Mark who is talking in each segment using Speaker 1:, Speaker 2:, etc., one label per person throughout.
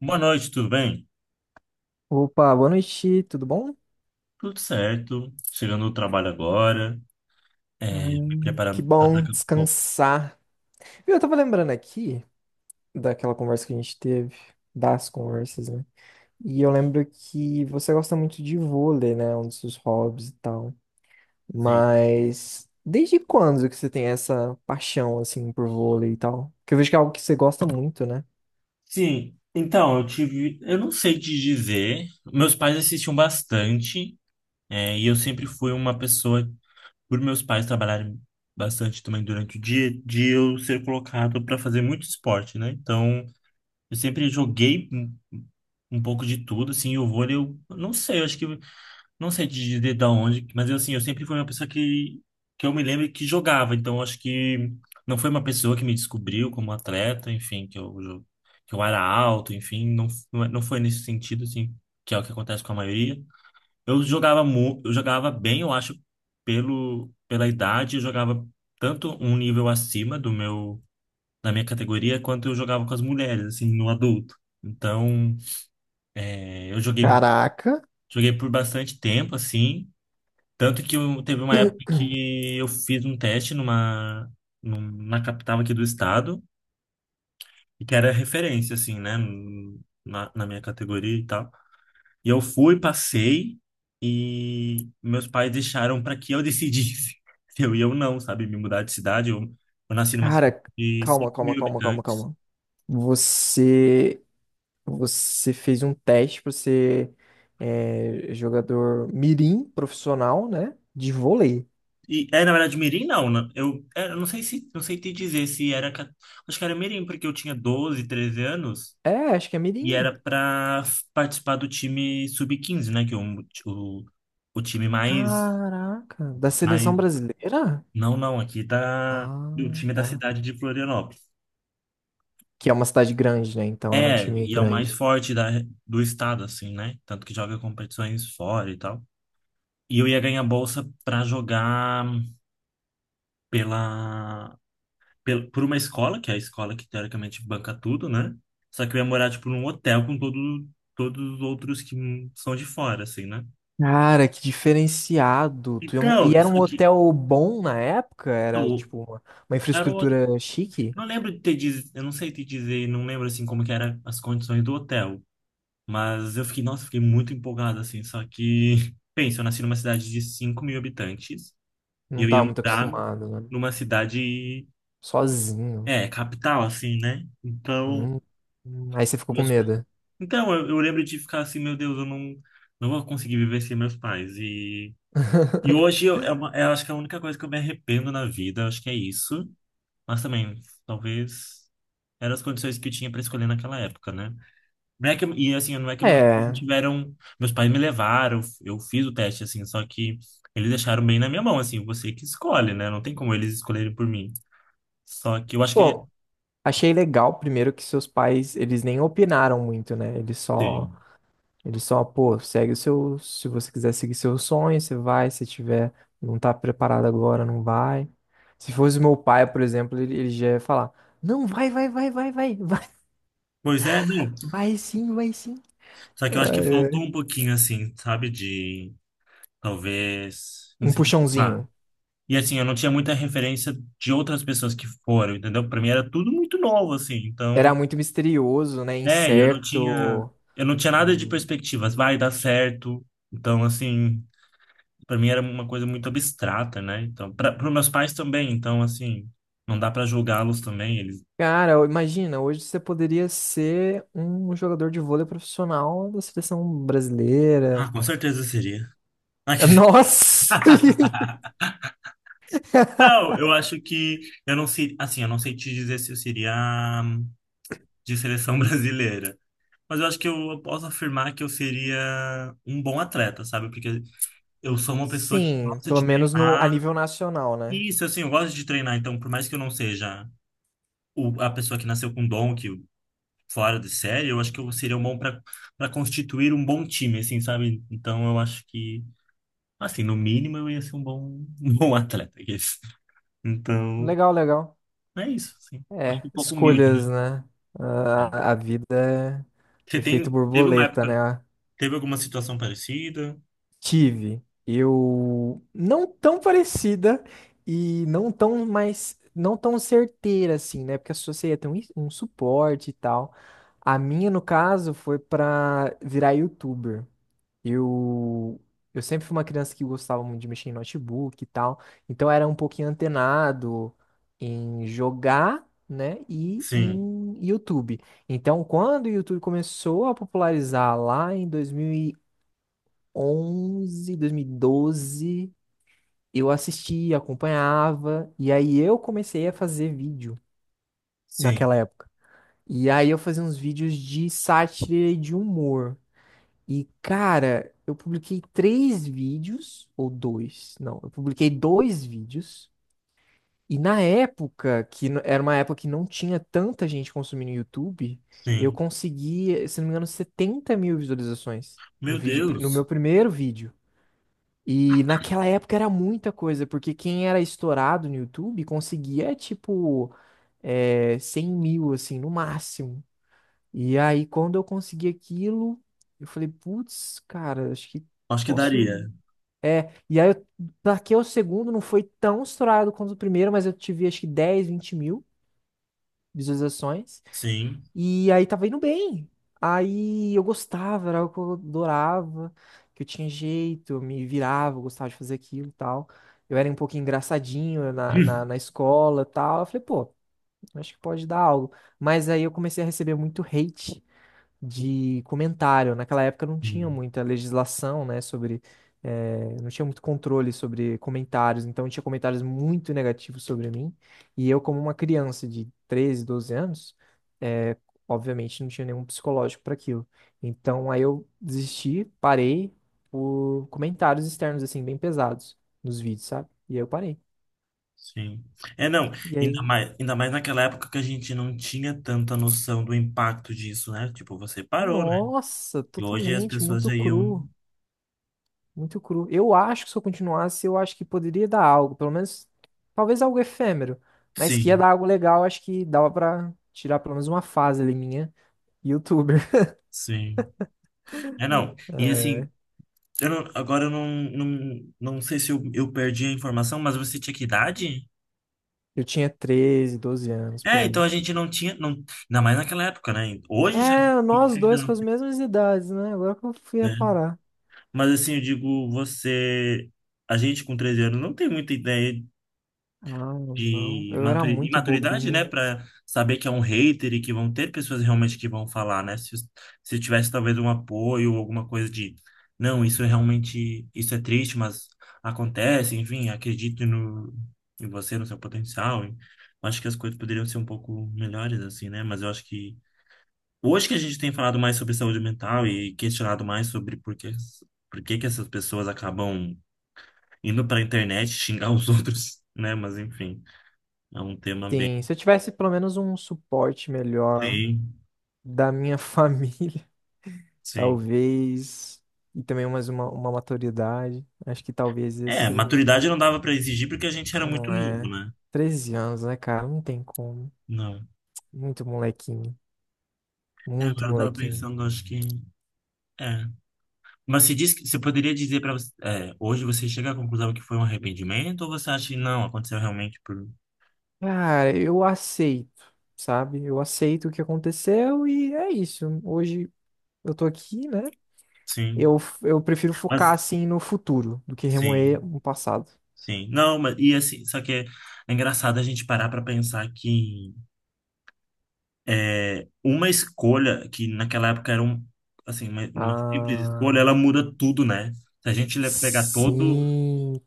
Speaker 1: Boa noite, tudo bem?
Speaker 2: Opa, boa noite, tudo bom?
Speaker 1: Tudo certo. Chegando no trabalho agora, me
Speaker 2: Ai, que
Speaker 1: preparando para
Speaker 2: bom
Speaker 1: daqui a pouco.
Speaker 2: descansar. Viu, eu tava lembrando aqui daquela conversa que a gente teve, das conversas, né? E eu lembro que você gosta muito de vôlei, né? Um dos seus hobbies e tal.
Speaker 1: Sim.
Speaker 2: Mas desde quando que você tem essa paixão, assim, por vôlei e tal? Porque eu vejo que é algo que você gosta muito, né?
Speaker 1: Sim, então, eu tive. Eu não sei te dizer. Meus pais assistiam bastante, e eu sempre fui uma pessoa, por meus pais trabalharem bastante também durante o dia, de eu ser colocado para fazer muito esporte, né? Então, eu sempre joguei um pouco de tudo, assim, e o vôlei, eu não sei, eu acho que. Não sei te dizer da onde, mas eu, assim, eu sempre fui uma pessoa que eu me lembro que jogava, então acho que não foi uma pessoa que me descobriu como atleta, enfim, que eu era alto, enfim, não foi nesse sentido, assim, que é o que acontece com a maioria. Eu jogava, eu jogava bem, eu acho, pela idade, eu jogava tanto um nível acima do meu, da minha categoria, quanto eu jogava com as mulheres, assim, no adulto. Então, eu joguei,
Speaker 2: Caraca,
Speaker 1: joguei por bastante tempo, assim. Tanto que teve uma época que eu fiz um teste numa, numa capital aqui do estado, e que era referência, assim, né, na minha categoria e tal. E eu fui, passei, e meus pais deixaram para que eu decidisse se eu ia ou não, sabe, me mudar de cidade. Eu nasci numa
Speaker 2: cara,
Speaker 1: cidade de
Speaker 2: calma,
Speaker 1: cinco
Speaker 2: calma,
Speaker 1: mil
Speaker 2: calma, calma,
Speaker 1: habitantes.
Speaker 2: calma. Você Você fez um teste para ser, é, jogador mirim profissional, né? De vôlei.
Speaker 1: E, é, na verdade, Mirim não, né? Eu, é, eu não sei se, não sei te dizer se era, acho que era Mirim, porque eu tinha 12 13 anos,
Speaker 2: É, acho que é
Speaker 1: e
Speaker 2: mirim.
Speaker 1: era para participar do time sub 15, né? Que é o, time mais,
Speaker 2: Caraca, da
Speaker 1: mais.
Speaker 2: seleção brasileira?
Speaker 1: Não, não, aqui da. O
Speaker 2: Ah,
Speaker 1: time da
Speaker 2: tá.
Speaker 1: cidade de Florianópolis.
Speaker 2: Que é uma cidade grande, né? Então era um
Speaker 1: É,
Speaker 2: time
Speaker 1: e é o mais
Speaker 2: grande.
Speaker 1: forte do estado, assim, né? Tanto que joga competições fora e tal. E eu ia ganhar bolsa para jogar pela, por uma escola, que é a escola que teoricamente banca tudo, né? Só que eu ia morar, tipo, num hotel com todos os outros que são de fora, assim, né?
Speaker 2: Cara, que diferenciado. E
Speaker 1: Então,
Speaker 2: era
Speaker 1: só
Speaker 2: um
Speaker 1: que.
Speaker 2: hotel bom na época? Era tipo uma
Speaker 1: Garoto,
Speaker 2: infraestrutura chique?
Speaker 1: não lembro de ter diz, eu não sei te dizer, não lembro assim como que eram as condições do hotel, mas eu fiquei, nossa, fiquei muito empolgado assim, só que, pensa, eu nasci numa cidade de 5 mil habitantes e
Speaker 2: Não
Speaker 1: eu ia
Speaker 2: tava muito
Speaker 1: morar
Speaker 2: acostumado, né?
Speaker 1: numa cidade,
Speaker 2: Sozinho.
Speaker 1: é, capital assim, né? Então,
Speaker 2: Hum. Aí você ficou com
Speaker 1: meus-
Speaker 2: medo.
Speaker 1: então eu lembro de ficar assim, meu Deus, eu não, não vou conseguir viver sem meus pais e hoje eu, é uma, eu acho que é a única coisa que eu me arrependo na vida, acho que é isso, mas também, talvez eram as condições que tinha para escolher naquela época, né? Não é que, e assim, não é que meus pais
Speaker 2: É.
Speaker 1: tiveram, meus pais me levaram, eu fiz o teste assim, só que eles deixaram bem na minha mão, assim, você que escolhe, né? Não tem como eles escolherem por mim. Só que eu acho que é
Speaker 2: Pô, achei legal primeiro que seus pais, eles nem opinaram muito, né?
Speaker 1: sim.
Speaker 2: Eles só, pô, segue o seu, se você quiser seguir seu sonho, você vai, se tiver, não tá preparado agora, não vai. Se fosse meu pai, por exemplo, ele já ia falar, não, vai, vai, vai, vai, vai, vai,
Speaker 1: Pois é, não.
Speaker 2: vai sim, vai sim.
Speaker 1: Só que eu acho que
Speaker 2: Ai, ai.
Speaker 1: faltou um pouquinho assim, sabe, de talvez
Speaker 2: Um
Speaker 1: incentivar.
Speaker 2: puxãozinho.
Speaker 1: E assim, eu não tinha muita referência de outras pessoas que foram, entendeu? Pra mim era tudo muito novo assim, então
Speaker 2: Era muito misterioso, né?
Speaker 1: é,
Speaker 2: Incerto.
Speaker 1: eu não tinha nada de
Speaker 2: Hum.
Speaker 1: perspectivas, vai dar certo. Então, assim, para mim era uma coisa muito abstrata, né? Então, para os meus pais também, então assim, não dá para julgá-los também, eles
Speaker 2: Cara, imagina, hoje você poderia ser um jogador de vôlei profissional da seleção brasileira.
Speaker 1: Ah, com certeza seria. Ah, que-
Speaker 2: Nossa!
Speaker 1: Não, eu acho que eu não sei, assim, eu não sei te dizer se eu seria de seleção brasileira, mas eu acho que eu posso afirmar que eu seria um bom atleta, sabe? Porque eu sou uma pessoa que
Speaker 2: Sim,
Speaker 1: gosta
Speaker 2: pelo
Speaker 1: de
Speaker 2: menos no, a
Speaker 1: treinar.
Speaker 2: nível nacional, né?
Speaker 1: Isso, assim, eu gosto de treinar, então, por mais que eu não seja a pessoa que nasceu com dom, que fora de série, eu acho que eu seria um bom para constituir um bom time, assim, sabe? Então, eu acho que, assim, no mínimo eu ia ser um bom, um bom atleta, I guess. Então,
Speaker 2: Legal, legal.
Speaker 1: é isso, assim. Acho
Speaker 2: É,
Speaker 1: que é um pouco humilde, né?
Speaker 2: escolhas, né?
Speaker 1: Sim.
Speaker 2: A vida
Speaker 1: Você
Speaker 2: é efeito
Speaker 1: tem, teve uma
Speaker 2: borboleta,
Speaker 1: época,
Speaker 2: né?
Speaker 1: teve alguma situação parecida?
Speaker 2: Tive. Eu não tão parecida e não tão mais, não tão certeira assim, né? Porque a sua seria ter um suporte e tal. A minha, no caso, foi pra virar youtuber. Eu eu sempre fui uma criança que gostava muito de mexer em notebook e tal, então era um pouquinho antenado em jogar, né, e
Speaker 1: Sim,
Speaker 2: em YouTube. Então, quando o YouTube começou a popularizar lá em 2000 2011, 2012, eu assistia, acompanhava, e aí eu comecei a fazer vídeo
Speaker 1: sim,
Speaker 2: naquela época. E aí eu fazia uns vídeos de sátira e de humor. E, cara, eu publiquei três vídeos, ou dois, não, eu publiquei dois vídeos. E na época, era uma época que não tinha tanta gente consumindo YouTube, eu
Speaker 1: sim.
Speaker 2: consegui, se não me engano, 70 mil visualizações no
Speaker 1: Meu
Speaker 2: vídeo, no meu
Speaker 1: Deus,
Speaker 2: primeiro vídeo. E naquela época era muita coisa, porque quem era estourado no YouTube conseguia, tipo, é, 100 mil, assim, no máximo. E aí, quando eu consegui aquilo, eu falei, putz, cara, acho que
Speaker 1: acho que
Speaker 2: posso.
Speaker 1: daria.
Speaker 2: É, e aí, eu taquei o segundo, não foi tão estourado quanto o primeiro, mas eu tive, acho que 10 20 mil visualizações.
Speaker 1: Sim.
Speaker 2: E aí tava indo bem. Aí eu gostava, era algo que eu adorava, que eu tinha jeito, eu me virava, eu gostava de fazer aquilo e tal. Eu era um pouco engraçadinho na, na, na escola e tal. Eu falei, pô, acho que pode dar algo. Mas aí eu comecei a receber muito hate de comentário. Naquela época não tinha
Speaker 1: Sim.
Speaker 2: muita legislação, né, sobre, não tinha muito controle sobre comentários, então tinha comentários muito negativos sobre mim, e eu como uma criança de 13 12 anos, eh, obviamente não tinha nenhum psicológico para aquilo. Então aí eu desisti, parei por comentários externos assim bem pesados nos vídeos, sabe? E aí eu parei.
Speaker 1: Sim. É, não,
Speaker 2: E aí,
Speaker 1: ainda mais naquela época que a gente não tinha tanta noção do impacto disso, né? Tipo, você parou, né?
Speaker 2: nossa,
Speaker 1: E hoje as
Speaker 2: totalmente
Speaker 1: pessoas
Speaker 2: muito
Speaker 1: já iam.
Speaker 2: cru. Muito cru. Eu acho que se eu continuasse, eu acho que poderia dar algo, pelo menos, talvez algo efêmero, mas que ia
Speaker 1: Sim,
Speaker 2: dar algo legal, acho que dava pra tirar pelo menos uma fase ali minha, youtuber.
Speaker 1: sim. É, não. E assim,
Speaker 2: É,
Speaker 1: eu não- agora eu não, não, não sei se eu, eu perdi a informação, mas você tinha que idade?
Speaker 2: eu tinha 13 12 anos por
Speaker 1: É, então
Speaker 2: aí.
Speaker 1: a gente não tinha. Não, ainda mais naquela época, né? Hoje já.
Speaker 2: É, nós
Speaker 1: Ainda
Speaker 2: dois com
Speaker 1: não-
Speaker 2: as mesmas idades, né? Agora que eu fui
Speaker 1: né?
Speaker 2: reparar.
Speaker 1: Mas assim, eu digo, você. A gente com 13 anos não tem muita ideia
Speaker 2: Ah, não.
Speaker 1: de
Speaker 2: Eu era muito
Speaker 1: imaturidade, né,
Speaker 2: bobinho.
Speaker 1: para saber que é um hater e que vão ter pessoas realmente que vão falar, né? Se tivesse talvez um apoio ou alguma coisa de, não, isso é realmente, isso é triste, mas acontece, enfim, acredito no, em você, no seu potencial. E eu acho que as coisas poderiam ser um pouco melhores assim, né? Mas eu acho que hoje que a gente tem falado mais sobre saúde mental e questionado mais sobre por que que essas pessoas acabam indo para a internet xingar os outros, né? Mas enfim, é um tema bem
Speaker 2: Sim, se eu tivesse pelo menos um suporte melhor
Speaker 1: Sim,
Speaker 2: da minha família,
Speaker 1: sim.
Speaker 2: talvez. E também mais uma maturidade. Acho que talvez
Speaker 1: É,
Speaker 2: esse.
Speaker 1: maturidade não dava para exigir porque a gente era muito
Speaker 2: Não
Speaker 1: novo,
Speaker 2: é.
Speaker 1: né?
Speaker 2: 13 anos, né, cara? Não tem como.
Speaker 1: Não.
Speaker 2: Muito molequinho.
Speaker 1: É,
Speaker 2: Muito
Speaker 1: agora eu tava
Speaker 2: molequinho.
Speaker 1: pensando, acho que. É. Mas se diz que você poderia dizer para você, é, hoje você chega à conclusão que foi um arrependimento ou você acha que não, aconteceu realmente por.
Speaker 2: Cara, eu aceito, sabe? Eu aceito o que aconteceu e é isso. Hoje eu tô aqui, né?
Speaker 1: Sim.
Speaker 2: Eu prefiro focar
Speaker 1: Mas.
Speaker 2: assim no futuro do que
Speaker 1: Sim,
Speaker 2: remoer o passado.
Speaker 1: sim. Não, mas. E assim, só que é, é engraçado a gente parar para pensar que é, uma escolha que naquela época era um. Assim, uma simples escolha,
Speaker 2: Ah,
Speaker 1: ela muda tudo, né? Se a gente pegar todo
Speaker 2: sim,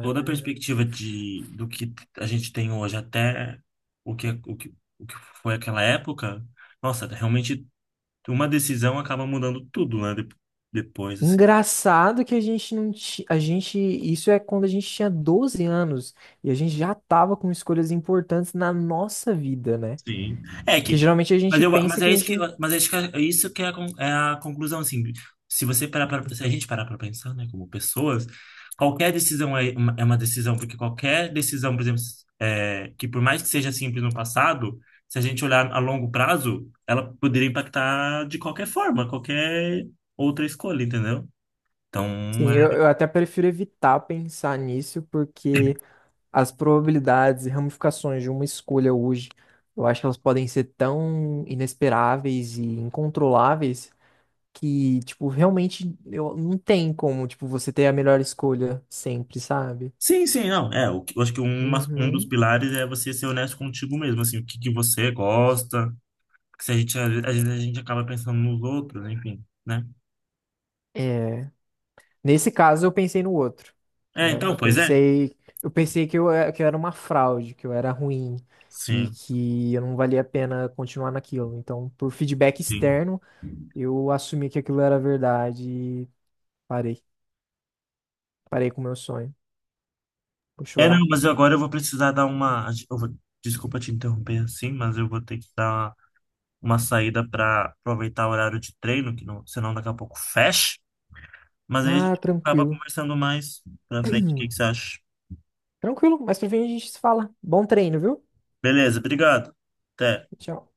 Speaker 1: toda a perspectiva de, do que a gente tem hoje até o que, é, o que foi aquela época, nossa, realmente uma decisão acaba mudando tudo, né? Depois, assim.
Speaker 2: Engraçado que a gente não ti- a gente isso é quando a gente tinha 12 anos e a gente já tava com escolhas importantes na nossa vida, né?
Speaker 1: Sim. É
Speaker 2: Que
Speaker 1: que,
Speaker 2: geralmente a
Speaker 1: mas
Speaker 2: gente
Speaker 1: eu,
Speaker 2: pensa
Speaker 1: mas
Speaker 2: que
Speaker 1: é
Speaker 2: a
Speaker 1: isso
Speaker 2: gente
Speaker 1: que,
Speaker 2: não.
Speaker 1: mas acho que é isso que é a, é a conclusão, assim. Se você parar para, se a gente parar para pensar, né, como pessoas, qualquer decisão é uma decisão, porque qualquer decisão, por exemplo, é, que por mais que seja simples no passado, se a gente olhar a longo prazo, ela poderia impactar de qualquer forma, qualquer outra escolha, entendeu? Então,
Speaker 2: Sim, eu,
Speaker 1: é...
Speaker 2: eu até prefiro evitar pensar nisso porque as probabilidades e ramificações de uma escolha hoje, eu acho que elas podem ser tão inesperáveis e incontroláveis que, tipo, realmente eu, não tem como, tipo, você ter a melhor escolha sempre, sabe?
Speaker 1: Sim, sim, não. É, eu acho que uma, um dos
Speaker 2: Uhum.
Speaker 1: pilares é você ser honesto contigo mesmo, assim, o que que você gosta. Porque se a gente, às vezes a gente acaba pensando nos outros, enfim, né?
Speaker 2: É. Nesse caso, eu pensei no outro,
Speaker 1: É,
Speaker 2: né?
Speaker 1: então,
Speaker 2: Eu
Speaker 1: pois é.
Speaker 2: pensei, eu pensei que eu, que eu era uma fraude, que eu era ruim e
Speaker 1: Sim,
Speaker 2: que eu não valia a pena continuar naquilo. Então, por feedback
Speaker 1: sim.
Speaker 2: externo, eu assumi que aquilo era verdade e parei. Parei com o meu sonho. Vou
Speaker 1: É, não,
Speaker 2: chorar.
Speaker 1: mas agora eu vou precisar dar uma. Eu vou- desculpa te interromper assim, mas eu vou ter que dar uma saída para aproveitar o horário de treino, que não, senão daqui a pouco fecha. Mas aí a
Speaker 2: Ah,
Speaker 1: gente acaba
Speaker 2: tranquilo.
Speaker 1: conversando mais pra frente. O que que você acha?
Speaker 2: Tranquilo, mas pra fim a gente se fala. Bom treino, viu?
Speaker 1: Beleza, obrigado. Até.
Speaker 2: Tchau.